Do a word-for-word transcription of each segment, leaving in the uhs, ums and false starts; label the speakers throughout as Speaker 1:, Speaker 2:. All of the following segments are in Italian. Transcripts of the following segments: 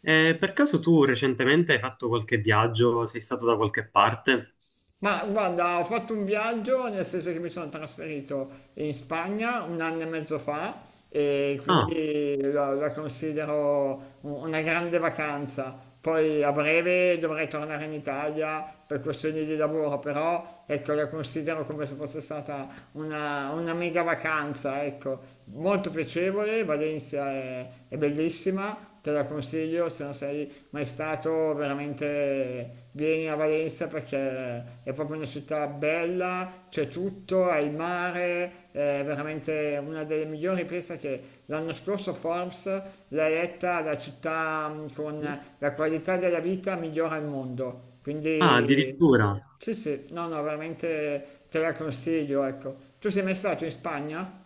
Speaker 1: Eh, per caso tu recentemente hai fatto qualche viaggio? Sei stato da qualche parte?
Speaker 2: Ma guarda, ho fatto un viaggio, nel senso che mi sono trasferito in Spagna un anno e mezzo fa e
Speaker 1: Ah,
Speaker 2: quindi la, la considero un- una grande vacanza. Poi a breve dovrei tornare in Italia per questioni di lavoro, però ecco, la considero come se fosse stata una, una mega vacanza, ecco, molto piacevole. Valencia è, è bellissima, te la consiglio, se non sei mai stato veramente vieni a Valencia perché è proprio una città bella, c'è tutto, hai il mare, è veramente una delle migliori. Pensa che l'anno scorso Forbes l'ha eletta la città mm, con la qualità della vita migliore al mondo.
Speaker 1: ah,
Speaker 2: Quindi
Speaker 1: addirittura.
Speaker 2: sì, sì, no, no, veramente te la consiglio, ecco. Tu sei mai stato in Spagna?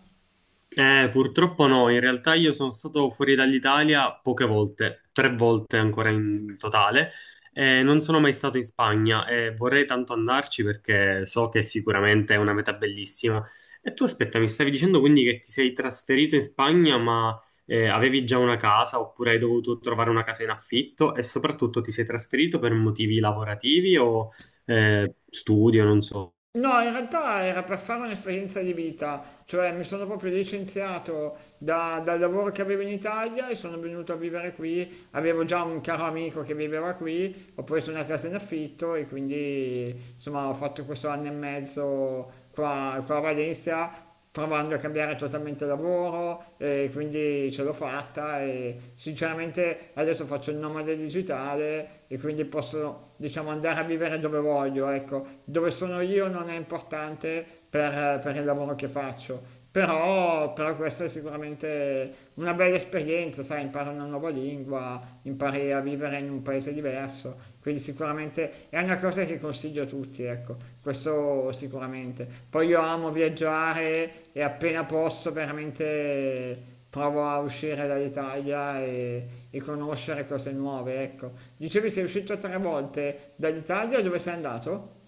Speaker 1: Eh, purtroppo no, in realtà io sono stato fuori dall'Italia poche volte, tre volte ancora in totale, e non sono mai stato in Spagna e vorrei tanto andarci perché so che sicuramente è una meta bellissima. E tu aspetta, mi stavi dicendo quindi che ti sei trasferito in Spagna, ma eh, avevi già una casa oppure hai dovuto trovare una casa in affitto e soprattutto ti sei trasferito per motivi lavorativi o eh, studio, non so.
Speaker 2: No, in realtà era per fare un'esperienza di vita, cioè mi sono proprio licenziato da- dal lavoro che avevo in Italia e sono venuto a vivere qui. Avevo già un caro amico che viveva qui, ho preso una casa in affitto e quindi insomma ho fatto questo anno e mezzo qua, qua a Valencia, provando a cambiare totalmente lavoro e quindi ce l'ho fatta, e sinceramente adesso faccio il nomade digitale e quindi posso diciamo andare a vivere dove voglio, ecco, dove sono io non è importante per, per il lavoro che faccio. Però, però questa è sicuramente una bella esperienza, sai, impari una nuova lingua, impari a vivere in un paese diverso, quindi sicuramente è una cosa che consiglio a tutti, ecco, questo sicuramente. Poi io amo viaggiare e appena posso veramente provo a uscire dall'Italia e, e conoscere cose nuove, ecco. Dicevi sei uscito tre volte dall'Italia, dove sei andato?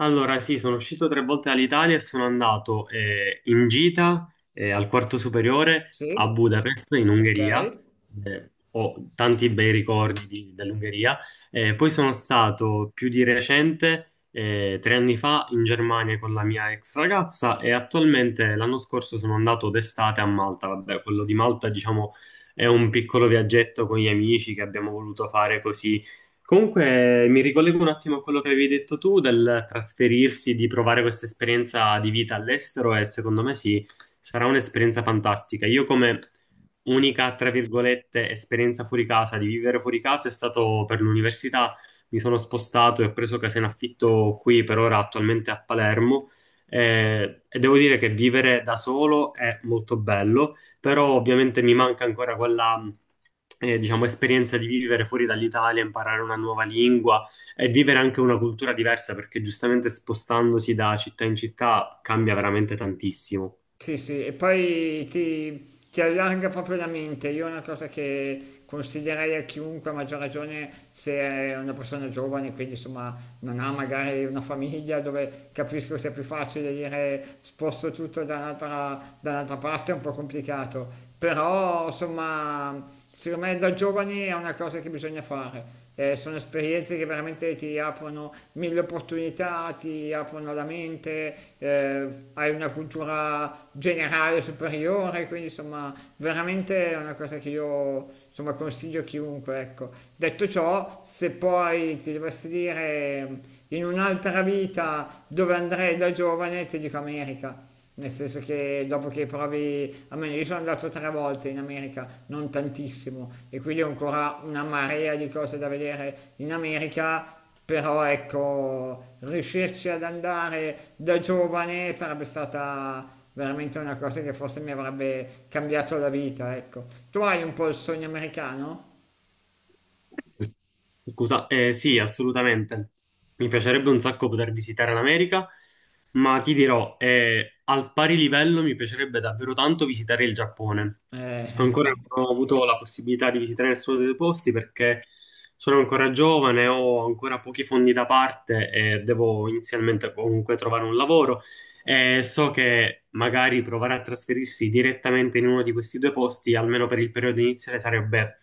Speaker 1: Allora, sì, sono uscito tre volte dall'Italia e sono andato eh, in gita eh, al quarto superiore
Speaker 2: Sì?
Speaker 1: a Budapest, in
Speaker 2: Ok.
Speaker 1: Ungheria. Eh, ho tanti bei ricordi di- dell'Ungheria. Eh, poi sono stato più di recente, eh, tre anni fa, in Germania con la mia ex ragazza e attualmente l'anno scorso sono andato d'estate a Malta. Vabbè, quello di Malta, diciamo, è un piccolo viaggetto con gli amici che abbiamo voluto fare così. Comunque mi ricollego un attimo a quello che avevi detto tu del trasferirsi, di provare questa esperienza di vita all'estero e secondo me sì, sarà un'esperienza fantastica. Io come unica, tra virgolette, esperienza fuori casa, di vivere fuori casa è stato per l'università. Mi sono spostato e ho preso casa in affitto qui per ora attualmente a Palermo, eh, e devo dire che vivere da solo è molto bello, però ovviamente mi manca ancora quella, eh, diciamo, esperienza di vivere fuori dall'Italia, imparare una nuova lingua e vivere anche una cultura diversa, perché giustamente spostandosi da città in città cambia veramente tantissimo.
Speaker 2: Sì, sì, e poi ti, ti allarga proprio la mente. Io è una cosa che consiglierei a chiunque, a maggior ragione se è una persona giovane, quindi insomma non ha magari una famiglia, dove capisco sia più facile dire sposto tutto da un'altra da un'altra parte, è un po' complicato. Però insomma secondo me da giovani è una cosa che bisogna fare. Eh, sono esperienze che veramente ti aprono mille opportunità, ti aprono la mente, eh, hai una cultura generale superiore, quindi insomma veramente è una cosa che io, insomma, consiglio a chiunque, ecco. Detto ciò, se poi ti dovessi dire in un'altra vita dove andrei da giovane, ti dico America, nel senso che dopo che provi, almeno io sono andato tre volte in America, non tantissimo, e quindi ho ancora una marea di cose da vedere in America, però ecco, riuscirci ad andare da giovane sarebbe stata veramente una cosa che forse mi avrebbe cambiato la vita, ecco. Tu hai un po' il sogno americano?
Speaker 1: Scusa, eh, sì, assolutamente. Mi piacerebbe un sacco poter visitare l'America, ma ti dirò, eh, al pari livello mi piacerebbe davvero tanto visitare il Giappone.
Speaker 2: Eh,
Speaker 1: Ancora non ho avuto la possibilità di visitare nessuno dei due posti perché sono ancora giovane, ho ancora pochi fondi da parte e devo inizialmente comunque trovare un lavoro. E so che magari provare a trasferirsi direttamente in uno di questi due posti, almeno per il periodo iniziale, sarebbe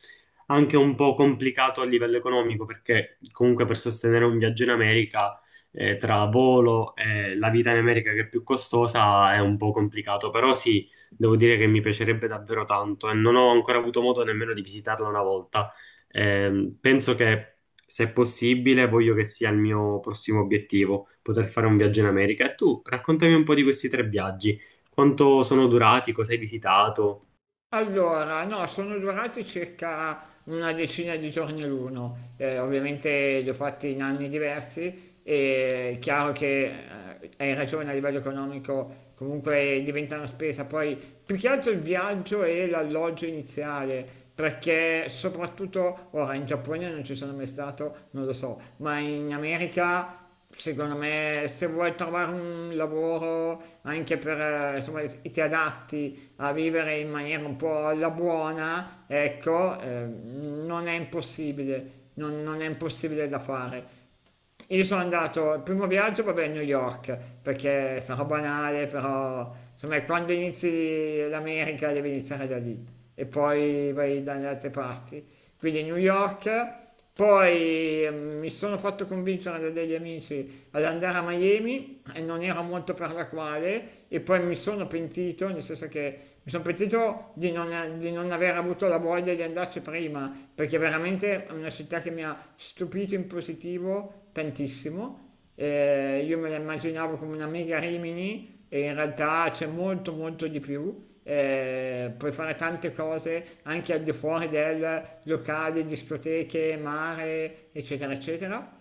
Speaker 1: anche un po' complicato a livello economico perché comunque per sostenere un viaggio in America, eh, tra volo e la vita in America che è più costosa è un po' complicato, però sì, devo dire che mi piacerebbe davvero tanto e non ho ancora avuto modo nemmeno di visitarla una volta. Ehm, penso che se è possibile voglio che sia il mio prossimo obiettivo, poter fare un viaggio in America. E tu, raccontami un po' di questi tre viaggi, quanto sono durati, cosa hai visitato,
Speaker 2: Allora, no, sono durati circa una decina di giorni l'uno. Eh, ovviamente li ho fatti in anni diversi e è chiaro che, eh, hai ragione, a livello economico comunque diventa una spesa, poi più che altro il viaggio e l'alloggio iniziale, perché soprattutto ora, in Giappone non ci sono mai stato, non lo so, ma in America, secondo me, se vuoi trovare un lavoro anche per, eh, insomma, che ti adatti a vivere in maniera un po' alla buona, ecco, eh, non è impossibile, non, non è impossibile da fare. Io sono andato, il primo viaggio, vabbè, a New York, perché sarà banale, però, insomma, quando inizi l'America devi iniziare da lì e poi vai dalle altre parti, quindi New York. Poi eh, mi sono fatto convincere da degli amici ad andare a Miami e non era molto per la quale, e poi mi sono pentito, nel senso che mi sono pentito di non, di non aver avuto la voglia di andarci prima, perché veramente è una città che mi ha stupito in positivo tantissimo. Eh, io me la immaginavo come una mega Rimini e in realtà c'è molto molto di più. Eh, puoi fare tante cose anche al di fuori del locale, discoteche, mare, eccetera, eccetera.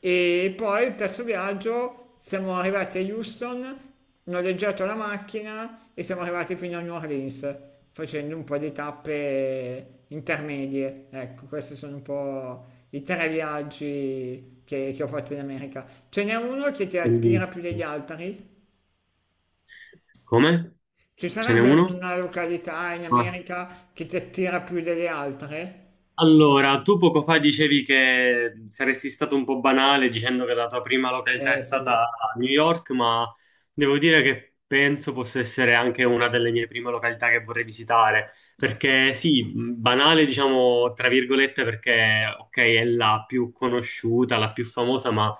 Speaker 2: E poi il terzo viaggio, siamo arrivati a Houston, ho noleggiato la macchina e siamo arrivati fino a New Orleans facendo un po' di tappe intermedie. Ecco, questi sono un po' i tre viaggi che, che ho fatto in America. Ce n'è uno che ti
Speaker 1: cosa hai
Speaker 2: attira più
Speaker 1: visto.
Speaker 2: degli altri?
Speaker 1: Come?
Speaker 2: Ci
Speaker 1: Ce n'è
Speaker 2: sarebbe
Speaker 1: uno?
Speaker 2: una località in
Speaker 1: Eh,
Speaker 2: America che ti attira più delle altre?
Speaker 1: Allora, tu poco fa dicevi che saresti stato un po' banale dicendo che la tua prima località è
Speaker 2: Eh sì,
Speaker 1: stata New York, ma devo dire che penso possa essere anche una delle mie prime località che vorrei visitare, perché sì, mh, banale diciamo tra virgolette perché ok è la più conosciuta, la più famosa, ma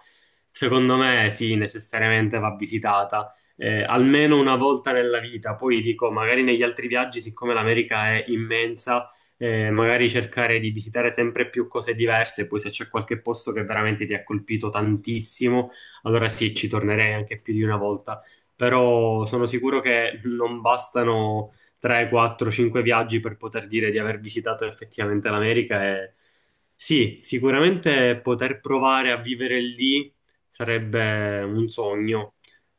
Speaker 1: secondo me sì, necessariamente va visitata. Eh, almeno una volta nella vita, poi dico, magari negli altri viaggi, siccome l'America è immensa, eh, magari cercare di visitare sempre più cose diverse, poi se c'è qualche posto che veramente ti ha colpito tantissimo, allora sì, ci tornerei anche più di una volta, però sono sicuro che non bastano tre, quattro, cinque viaggi per poter dire di aver visitato effettivamente l'America e sì, sicuramente poter provare a vivere lì sarebbe un sogno.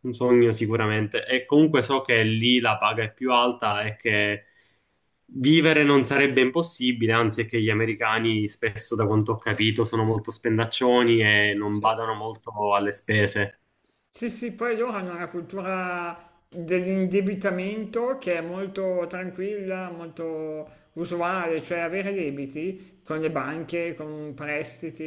Speaker 1: Un sogno sicuramente. E comunque so che lì la paga è più alta e che vivere non sarebbe impossibile, anzi è che gli americani spesso, da quanto ho capito, sono molto spendaccioni e non
Speaker 2: sì.
Speaker 1: badano molto alle spese.
Speaker 2: Sì, sì, poi loro hanno una cultura dell'indebitamento che è molto tranquilla, molto usuale, cioè avere debiti con le banche, con prestiti,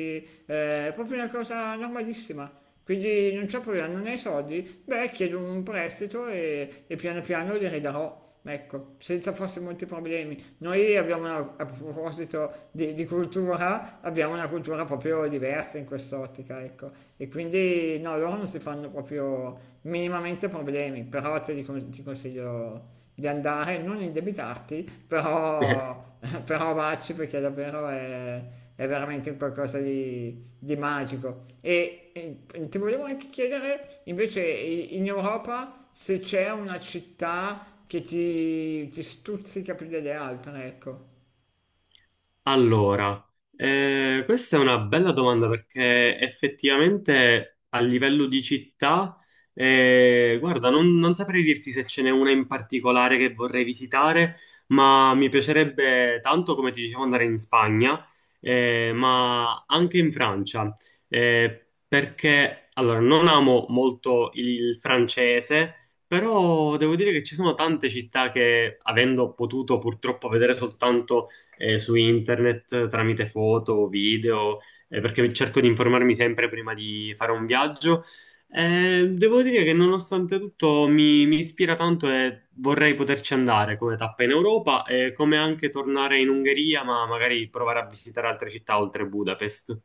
Speaker 2: eh, è proprio una cosa normalissima. Quindi non c'è problema, non hai soldi? Beh, chiedo un prestito e, e piano piano li ridarò. Ecco, senza forse molti problemi. Noi abbiamo, una- a proposito di, di cultura, abbiamo una cultura proprio diversa in quest'ottica, ecco. E quindi no, loro non si fanno proprio minimamente problemi, però te li con- ti consiglio di andare, non indebitarti, però, però vacci perché davvero è, è veramente un qualcosa di, di magico. E, e ti volevo anche chiedere invece i- in Europa se c'è una città che ti, ti stuzzica più delle altre, ecco.
Speaker 1: Allora, eh, questa è una bella domanda perché effettivamente a livello di città, eh, guarda, non, non saprei dirti se ce n'è una in particolare che vorrei visitare, ma mi piacerebbe tanto, come ti dicevo, andare in Spagna, eh, ma anche in Francia, eh, perché allora, non amo molto il francese. Però devo dire che ci sono tante città che, avendo potuto purtroppo vedere soltanto eh, su internet tramite foto o video, eh, perché cerco di informarmi sempre prima di fare un viaggio. Eh, devo dire che nonostante tutto mi, mi ispira tanto e vorrei poterci andare come tappa in Europa e come anche tornare in Ungheria, ma magari provare a visitare altre città oltre Budapest.